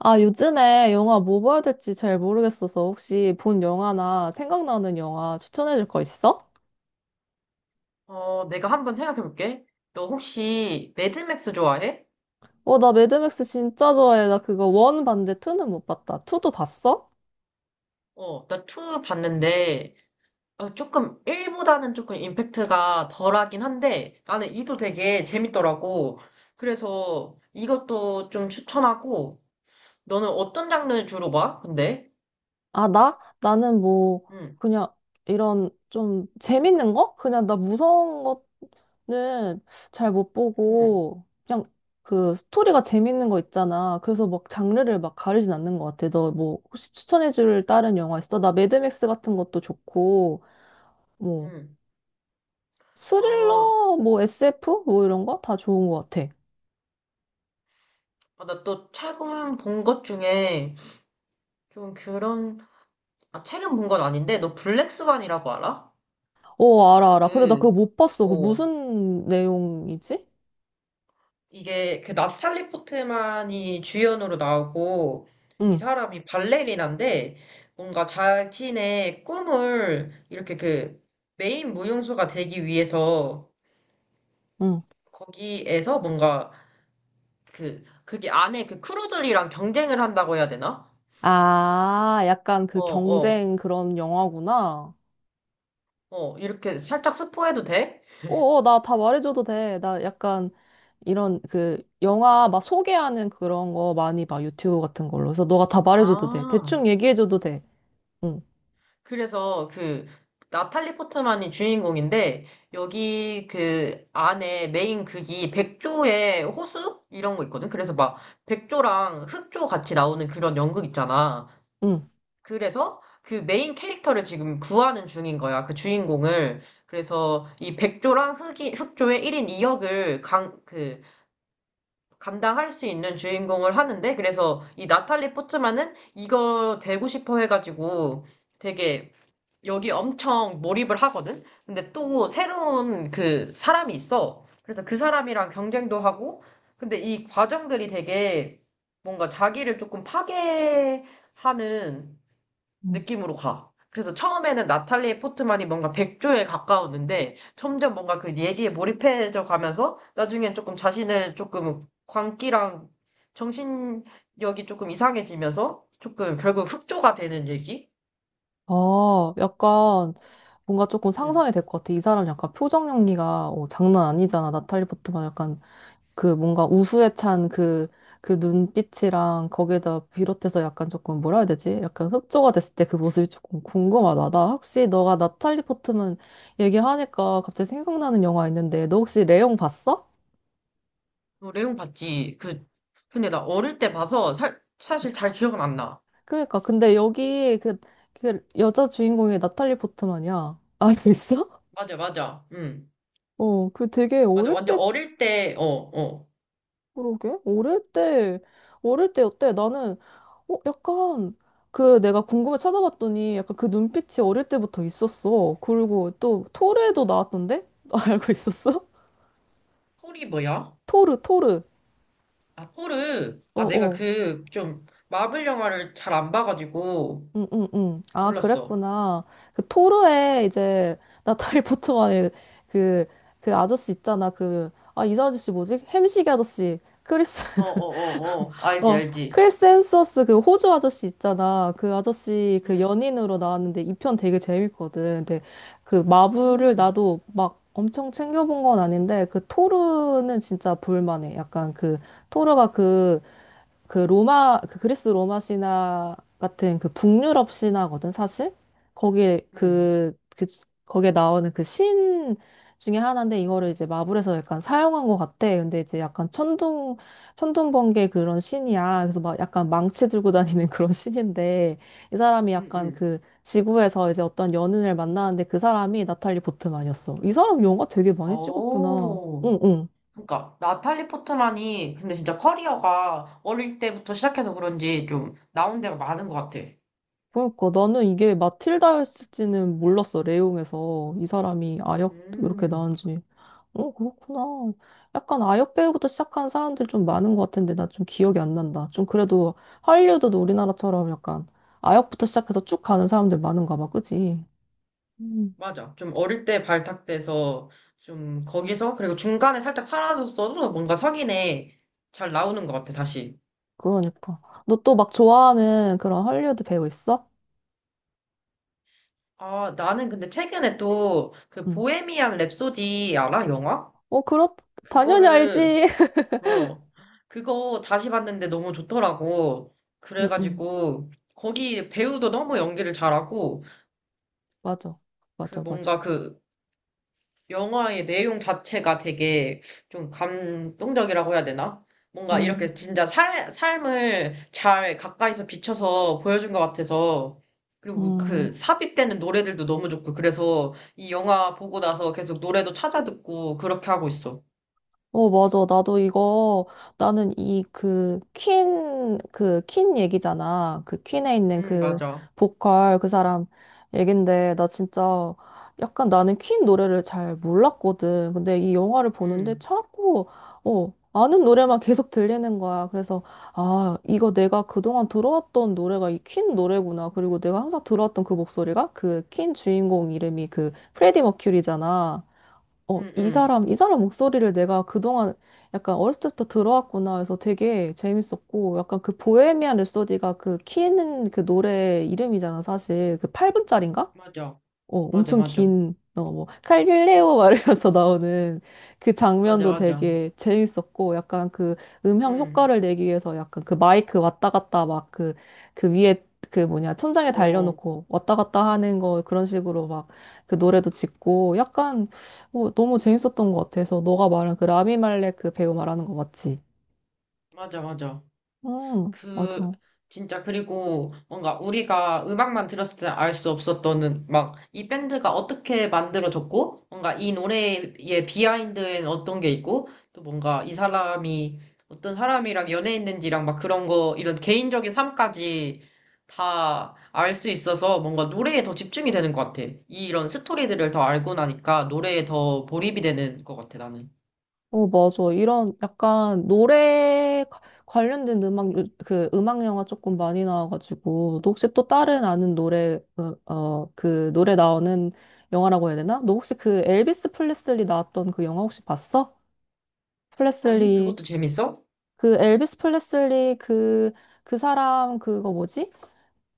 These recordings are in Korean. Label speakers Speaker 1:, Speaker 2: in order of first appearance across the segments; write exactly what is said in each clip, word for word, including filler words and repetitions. Speaker 1: 아, 요즘에 영화 뭐 봐야 될지 잘 모르겠어서 혹시 본 영화나 생각나는 영화 추천해 줄 거 있어?
Speaker 2: 어, 내가 한번 생각해 볼게. 너 혹시 매드맥스 좋아해?
Speaker 1: 어, 나 매드맥스 진짜 좋아해. 나 그거 원 봤는데 투는 못 봤다. 투도 봤어?
Speaker 2: 어, 나 이 봤는데, 어, 조금 일보다는 조금 임팩트가 덜하긴 한데, 나는 이도 되게 재밌더라고. 그래서 이것도 좀 추천하고, 너는 어떤 장르 주로 봐? 근데?
Speaker 1: 아, 나? 나는 뭐
Speaker 2: 응,
Speaker 1: 그냥 이런 좀 재밌는 거? 그냥 나 무서운 거는 잘 못
Speaker 2: 응,
Speaker 1: 보고 그냥 그 스토리가 재밌는 거 있잖아. 그래서 막 장르를 막 가리진 않는 것 같아. 너 뭐 혹시 추천해 줄 다른 영화 있어? 나 매드맥스 같은 것도 좋고 뭐
Speaker 2: 응. 어,
Speaker 1: 스릴러, 뭐 에스에프? 뭐 이런 거? 다 좋은 것 같아.
Speaker 2: 아, 나 또 최근 본 것 중에 좀 그런, 아, 최근 본 건 아닌데, 너 블랙스완이라고 알아?
Speaker 1: 어, 알아, 알아. 근데 나
Speaker 2: 그,
Speaker 1: 그거 못 봤어. 그
Speaker 2: 어.
Speaker 1: 무슨 내용이지?
Speaker 2: 이게 그 나탈리 포트만이 주연으로 나오고 이
Speaker 1: 응,
Speaker 2: 사람이 발레리나인데 뭔가 자신의 꿈을 이렇게 그 메인 무용수가 되기 위해서
Speaker 1: 응.
Speaker 2: 거기에서 뭔가 그 그게 안에 그 크루들이랑 경쟁을 한다고 해야 되나?
Speaker 1: 아, 약간
Speaker 2: 어,
Speaker 1: 그
Speaker 2: 어,
Speaker 1: 경쟁 그런 영화구나.
Speaker 2: 어, 이렇게 살짝 스포해도 돼?
Speaker 1: 어, 어, 나 다 말해줘도 돼. 나 약간 이런 그 영화 막 소개하는 그런 거 많이 봐. 유튜브 같은 걸로. 그래서 너가 다 말해줘도 돼.
Speaker 2: 아,
Speaker 1: 대충 얘기해줘도 돼. 응,
Speaker 2: 그래서 그 나탈리 포트만이 주인공인데 여기 그 안에 메인 극이 백조의 호수 이런 거 있거든. 그래서 막 백조랑 흑조 같이 나오는 그런 연극 있잖아. 그래서 그 메인 캐릭터를 지금 구하는 중인 거야. 그 주인공을. 그래서 이 백조랑 흑이 흑조의 일 인 이 역을 강 그 감당할 수 있는 주인공을 하는데 그래서 이 나탈리 포트만은 이거 되고 싶어 해가지고 되게 여기 엄청 몰입을 하거든? 근데 또 새로운 그 사람이 있어. 그래서 그 사람이랑 경쟁도 하고, 근데 이 과정들이 되게 뭔가 자기를 조금 파괴하는
Speaker 1: 응.
Speaker 2: 느낌으로 가. 그래서 처음에는 나탈리 포트만이 뭔가 백조에 가까웠는데, 점점 뭔가 그 얘기에 몰입해져 가면서, 나중엔 조금 자신을 조금 광기랑 정신력이 조금 이상해지면서, 조금 결국 흑조가 되는 얘기?
Speaker 1: 아, 약간 뭔가 조금
Speaker 2: 음.
Speaker 1: 상상이 될 것 같아. 이 사람 약간 표정 연기가 어, 장난 아니잖아. 나탈리 포트만 약간 그 뭔가 우수에 찬 그, 그 눈빛이랑 거기에다 비롯해서 약간 조금 뭐라 해야 되지? 약간 흑조가 됐을 때 그 모습이 조금 궁금하다. 나 혹시 너가 나탈리 포트만 얘기하니까 갑자기 생각나는 영화 있는데 너 혹시 레옹 봤어?
Speaker 2: 어, 레옹 봤지. 그, 근데 나 어릴 때 봐서 살, 사실 잘 기억은 안 나.
Speaker 1: 그러니까 근데 여기 그, 그 여자 주인공이 나탈리 포트만이야. 알고 있어?
Speaker 2: 맞아, 맞아. 응.
Speaker 1: 어, 그 되게
Speaker 2: 맞아.
Speaker 1: 어릴
Speaker 2: 완전
Speaker 1: 때
Speaker 2: 어릴 때, 어, 어.
Speaker 1: 그러게? 어릴 때, 어릴 때 어때? 나는, 어, 약간, 그 내가 궁금해 찾아봤더니 약간 그 눈빛이 어릴 때부터 있었어. 그리고 또 토르에도 나왔던데? 너 알고 있었어?
Speaker 2: 폴이 뭐야?
Speaker 1: 토르, 토르.
Speaker 2: 아, 폴을,
Speaker 1: 어,
Speaker 2: 아, 내가
Speaker 1: 어.
Speaker 2: 그, 좀, 마블 영화를 잘 안 봐가지고,
Speaker 1: 응, 응, 응. 아,
Speaker 2: 몰랐어.
Speaker 1: 그랬구나. 그 토르에 이제 나탈리 포트만의 그, 그 아저씨 있잖아. 그, 아, 이 아저씨 뭐지? 햄식이 아저씨. 크리스
Speaker 2: 어, 어, 어, 어. 알지,
Speaker 1: 어,
Speaker 2: 알지.
Speaker 1: 크리스 햄스워스 그 호주 아저씨 있잖아. 그 아저씨 그
Speaker 2: 응,
Speaker 1: 연인으로 나왔는데 이 편 되게 재밌거든. 근데 그 마블을
Speaker 2: 음,
Speaker 1: 나도 막 엄청 챙겨본 건 아닌데 그 토르는 진짜 볼만해. 약간 그 토르가 그 그 로마, 그 그리스 로마 신화 같은 그 북유럽 신화거든, 사실? 거기에
Speaker 2: 응,
Speaker 1: 그, 그, 거기에 나오는 그 신 중에 하나인데, 이거를 이제 마블에서 약간 사용한 것 같아. 근데 이제 약간 천둥, 천둥번개 그런 신이야. 그래서 막 약간 망치 들고 다니는 그런 신인데, 이 사람이
Speaker 2: 응,
Speaker 1: 약간
Speaker 2: 응.
Speaker 1: 그 지구에서 이제 어떤 연인을 만나는데 그 사람이 나탈리 보트만이었어. 이 사람 영화 되게 많이 찍었구나.
Speaker 2: 오.
Speaker 1: 응, 응.
Speaker 2: 그러니까, 나탈리 포트만이, 근데 진짜 커리어가 어릴 때부터 시작해서 그런지 좀 나온 데가 많은 것 같아.
Speaker 1: 그러니까 나는 이게 마틸다였을지는 몰랐어, 레옹에서. 이 사람이 아역 이렇게
Speaker 2: 음.
Speaker 1: 나은지. 어, 그렇구나. 약간 아역 배우부터 시작한 사람들 좀 많은 것 같은데 나 좀 기억이 안 난다. 좀 그래도 할리우드도 우리나라처럼 약간 아역부터 시작해서 쭉 가는 사람들 많은가 봐, 그지? 음,
Speaker 2: 맞아. 좀 어릴 때 발탁돼서 좀 거기서 그리고 중간에 살짝 사라졌어도 뭔가 석인에 잘 나오는 것 같아, 다시.
Speaker 1: 그러니까. 너 또 막 좋아하는 그런 할리우드 배우 있어?
Speaker 2: 아, 나는 근데 최근에 또 그
Speaker 1: 응.
Speaker 2: 보헤미안 랩소디 알아? 영화?
Speaker 1: 어, 그렇, 당연히
Speaker 2: 그거를
Speaker 1: 알지.
Speaker 2: 어 그거 다시 봤는데 너무 좋더라고.
Speaker 1: 응, 응.
Speaker 2: 그래가지고 거기 배우도 너무 연기를 잘하고
Speaker 1: 맞아.
Speaker 2: 그
Speaker 1: 맞아, 맞아.
Speaker 2: 뭔가 그 영화의 내용 자체가 되게 좀 감동적이라고 해야 되나? 뭔가 이렇게
Speaker 1: 음,
Speaker 2: 진짜 살, 삶을 잘 가까이서 비춰서 보여준 것 같아서, 그리고 그
Speaker 1: 음.
Speaker 2: 그 삽입되는 노래들도 너무 좋고, 그래서 이 영화 보고 나서 계속 노래도 찾아 듣고 그렇게 하고 있어.
Speaker 1: 어, 맞아. 나도 이거, 나는 이 그, 퀸, 그, 퀸 얘기잖아. 그 퀸에 있는
Speaker 2: 응,
Speaker 1: 그
Speaker 2: 맞아.
Speaker 1: 보컬 그 사람 얘긴데, 나 진짜 약간 나는 퀸 노래를 잘 몰랐거든. 근데 이 영화를 보는데
Speaker 2: 응,
Speaker 1: 자꾸, 어, 아는 노래만 계속 들리는 거야. 그래서, 아, 이거 내가 그동안 들어왔던 노래가 이 퀸 노래구나. 그리고 내가 항상 들어왔던 그 목소리가 그 퀸 주인공 이름이 그 프레디 머큐리잖아. 어,
Speaker 2: 응,
Speaker 1: 이
Speaker 2: 응.
Speaker 1: 사람, 이 사람 목소리를 내가 그동안 약간 어렸을 때부터 들어왔구나 해서 되게 재밌었고, 약간 그 보헤미안 랩소디가 그 키 있는 그 노래 이름이잖아, 사실. 그 팔 분짜리인가?
Speaker 2: 맞아.
Speaker 1: 어,
Speaker 2: 맞아,
Speaker 1: 엄청
Speaker 2: 맞아.
Speaker 1: 긴, 어, 뭐, 갈릴레오 말이어서 나오는 그
Speaker 2: 맞아,
Speaker 1: 장면도
Speaker 2: 맞아.
Speaker 1: 되게 재밌었고, 약간 그 음향
Speaker 2: 응,
Speaker 1: 효과를 내기 위해서 약간 그 마이크 왔다 갔다 막 그, 그 위에 그 뭐냐, 천장에
Speaker 2: 어,
Speaker 1: 달려놓고 왔다 갔다 하는 거 그런 식으로 막 그 노래도 짓고, 약간 어, 너무 재밌었던 것 같아서, 너가 말한 그 라미 말렉 그 배우 말하는 거 맞지?
Speaker 2: 맞아, 맞아.
Speaker 1: 응,
Speaker 2: 그
Speaker 1: 맞아.
Speaker 2: 진짜 그리고 뭔가 우리가 음악만 들었을 때 알 수 없었던 막 이 밴드가 어떻게 만들어졌고 뭔가 이 노래의 비하인드엔 어떤 게 있고 또 뭔가 이 사람이 어떤 사람이랑 연애했는지랑 막 그런 거 이런 개인적인 삶까지 다 알 수 있어서 뭔가 노래에 더 집중이 되는 것 같아. 이런 스토리들을 더 알고 나니까 노래에 더 몰입이 되는 것 같아 나는.
Speaker 1: 어, 맞아. 이런 약간 노래 가- 관련된 음악, 요- 그 음악 영화 조금 많이 나와가지고, 너 혹시 또 다른 아는 노래, 어, 어, 그 노래 나오는 영화라고 해야 되나? 너 혹시 그 엘비스 프레슬리 나왔던 그 영화 혹시 봤어? 플레슬
Speaker 2: 아니
Speaker 1: 리
Speaker 2: 그것도 재밌어?
Speaker 1: 그 엘비스 플레슬리 그, 그 사람 그거 뭐지?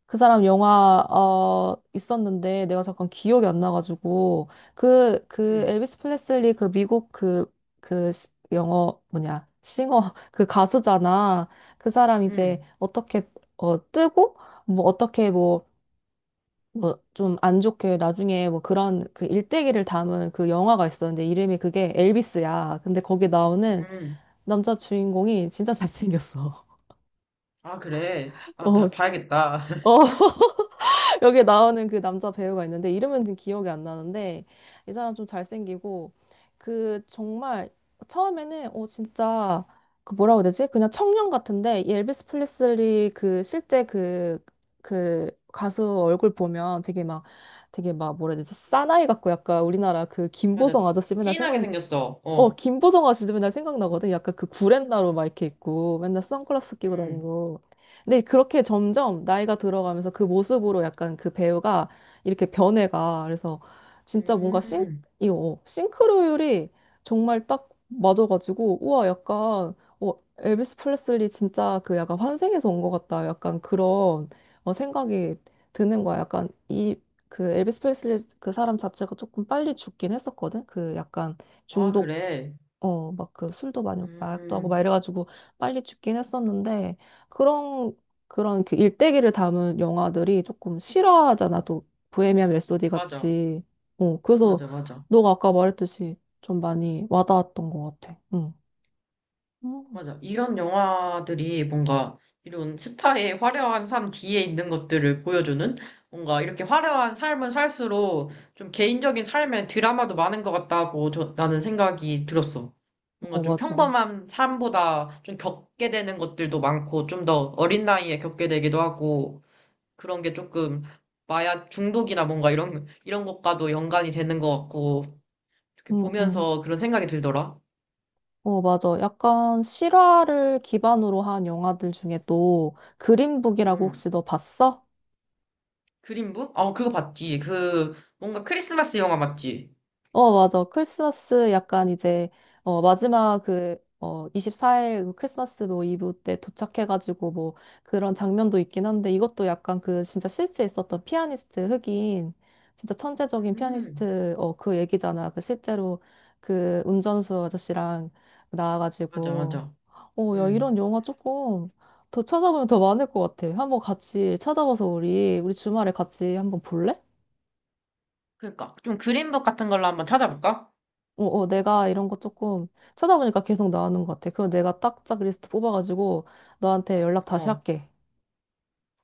Speaker 1: 그 사람 영화 어 있었는데 내가 잠깐 기억이 안 나가지고 그 그
Speaker 2: 응,
Speaker 1: 엘비스 프레슬리 그 미국 그 그 영어 뭐냐 싱어 그 가수잖아. 그 사람 이제
Speaker 2: 응,
Speaker 1: 어떻게 어 뜨고 뭐 어떻게 뭐 뭐 좀 안 좋게 나중에 뭐 그런 그 일대기를 담은 그 영화가 있었는데 이름이 그게 엘비스야. 근데 거기 나오는
Speaker 2: 응.
Speaker 1: 남자 주인공이 진짜 잘생겼어.
Speaker 2: 아, 그래. 아,
Speaker 1: 어
Speaker 2: 다, 봐야겠다.
Speaker 1: 어 여기 나오는 그 남자 배우가 있는데 이름은 지금 기억이 안 나는데 이 사람 좀 잘생기고 그 정말 처음에는 어 진짜 그 뭐라고 해야 되지? 그냥 청년 같은데 이 엘비스 프레슬리 그 실제 그 그 가수 얼굴 보면 되게 막 되게 막 뭐라 해야 되지? 싸나이 같고 약간 우리나라 그
Speaker 2: 맞아.
Speaker 1: 김보성 아저씨 맨날
Speaker 2: 찐하게
Speaker 1: 생각
Speaker 2: 생겼어.
Speaker 1: 어,
Speaker 2: 어.
Speaker 1: 김보성 아저씨도 맨날 생각나거든. 약간 그 구렛나루 막 이렇게 있고, 맨날 선글라스 끼고
Speaker 2: 음.
Speaker 1: 다니고. 근데 그렇게 점점 나이가 들어가면서 그 모습으로 약간 그 배우가 이렇게 변해가. 그래서 진짜 뭔가 싱,
Speaker 2: 음.
Speaker 1: 이, 어, 싱크로율이 정말 딱 맞아가지고, 우와, 약간, 어, 엘비스 프레슬리 진짜 그 약간 환생해서 온 것 같다. 약간 그런 어, 생각이 드는 거야. 약간 이, 그 엘비스 프레슬리 그 사람 자체가 조금 빨리 죽긴 했었거든. 그 약간
Speaker 2: 아,
Speaker 1: 중독
Speaker 2: 그래.
Speaker 1: 어, 막 그 술도 많이 먹고 마약도 하고 막
Speaker 2: 음.
Speaker 1: 이래가지고 빨리 죽긴 했었는데 그런 그런 그 일대기를 담은 영화들이 조금 실화잖아 또 보헤미안 랩소디
Speaker 2: 맞아.
Speaker 1: 같이 어 그래서
Speaker 2: 맞아, 맞아.
Speaker 1: 너가 아까 말했듯이 좀 많이 와닿았던 것 같아. 응. 음.
Speaker 2: 맞아. 이런 영화들이 뭔가 이런 스타의 화려한 삶 뒤에 있는 것들을 보여주는 뭔가 이렇게 화려한 삶을 살수록 좀 개인적인 삶의 드라마도 많은 것 같다고 저, 나는 생각이 들었어. 뭔가
Speaker 1: 어
Speaker 2: 좀
Speaker 1: 맞아.
Speaker 2: 평범한 삶보다 좀 겪게 되는 것들도 많고 좀 더 어린 나이에 겪게 되기도 하고 그런 게 조금 마약 중독이나 뭔가 이런, 이런 것과도 연관이 되는 것 같고, 이렇게
Speaker 1: 응, 응.
Speaker 2: 보면서 그런 생각이 들더라.
Speaker 1: 어 맞아 약간 실화를 기반으로 한 영화들 중에 또 그린북이라고
Speaker 2: 음.
Speaker 1: 혹시 너 봤어?
Speaker 2: 그린북? 어, 그거 봤지. 그, 뭔가 크리스마스 영화 맞지?
Speaker 1: 어, 맞아. 크리스마스 약간 이제, 어, 마지막 그, 어, 이십사 일 크리스마스 뭐 이브 때 도착해가지고 뭐 그런 장면도 있긴 한데 이것도 약간 그 진짜 실제 있었던 피아니스트 흑인, 진짜 천재적인
Speaker 2: 음,
Speaker 1: 피아니스트, 어, 그 얘기잖아. 그 실제로 그 운전수 아저씨랑
Speaker 2: 맞아,
Speaker 1: 나와가지고.
Speaker 2: 맞아.
Speaker 1: 어, 야, 이런
Speaker 2: 음.
Speaker 1: 영화 조금 더 찾아보면 더 많을 것 같아. 한번 같이 찾아봐서 우리, 우리 주말에 같이 한번 볼래?
Speaker 2: 그러니까, 좀 그린북 같은 걸로 한번 찾아볼까?
Speaker 1: 어, 어, 내가 이런 거 조금 찾아보니까 계속 나오는 것 같아. 그럼 내가 딱짝 리스트 뽑아가지고 너한테 연락 다시
Speaker 2: 어,
Speaker 1: 할게.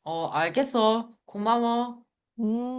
Speaker 2: 어, 알겠어. 고마워.
Speaker 1: 음.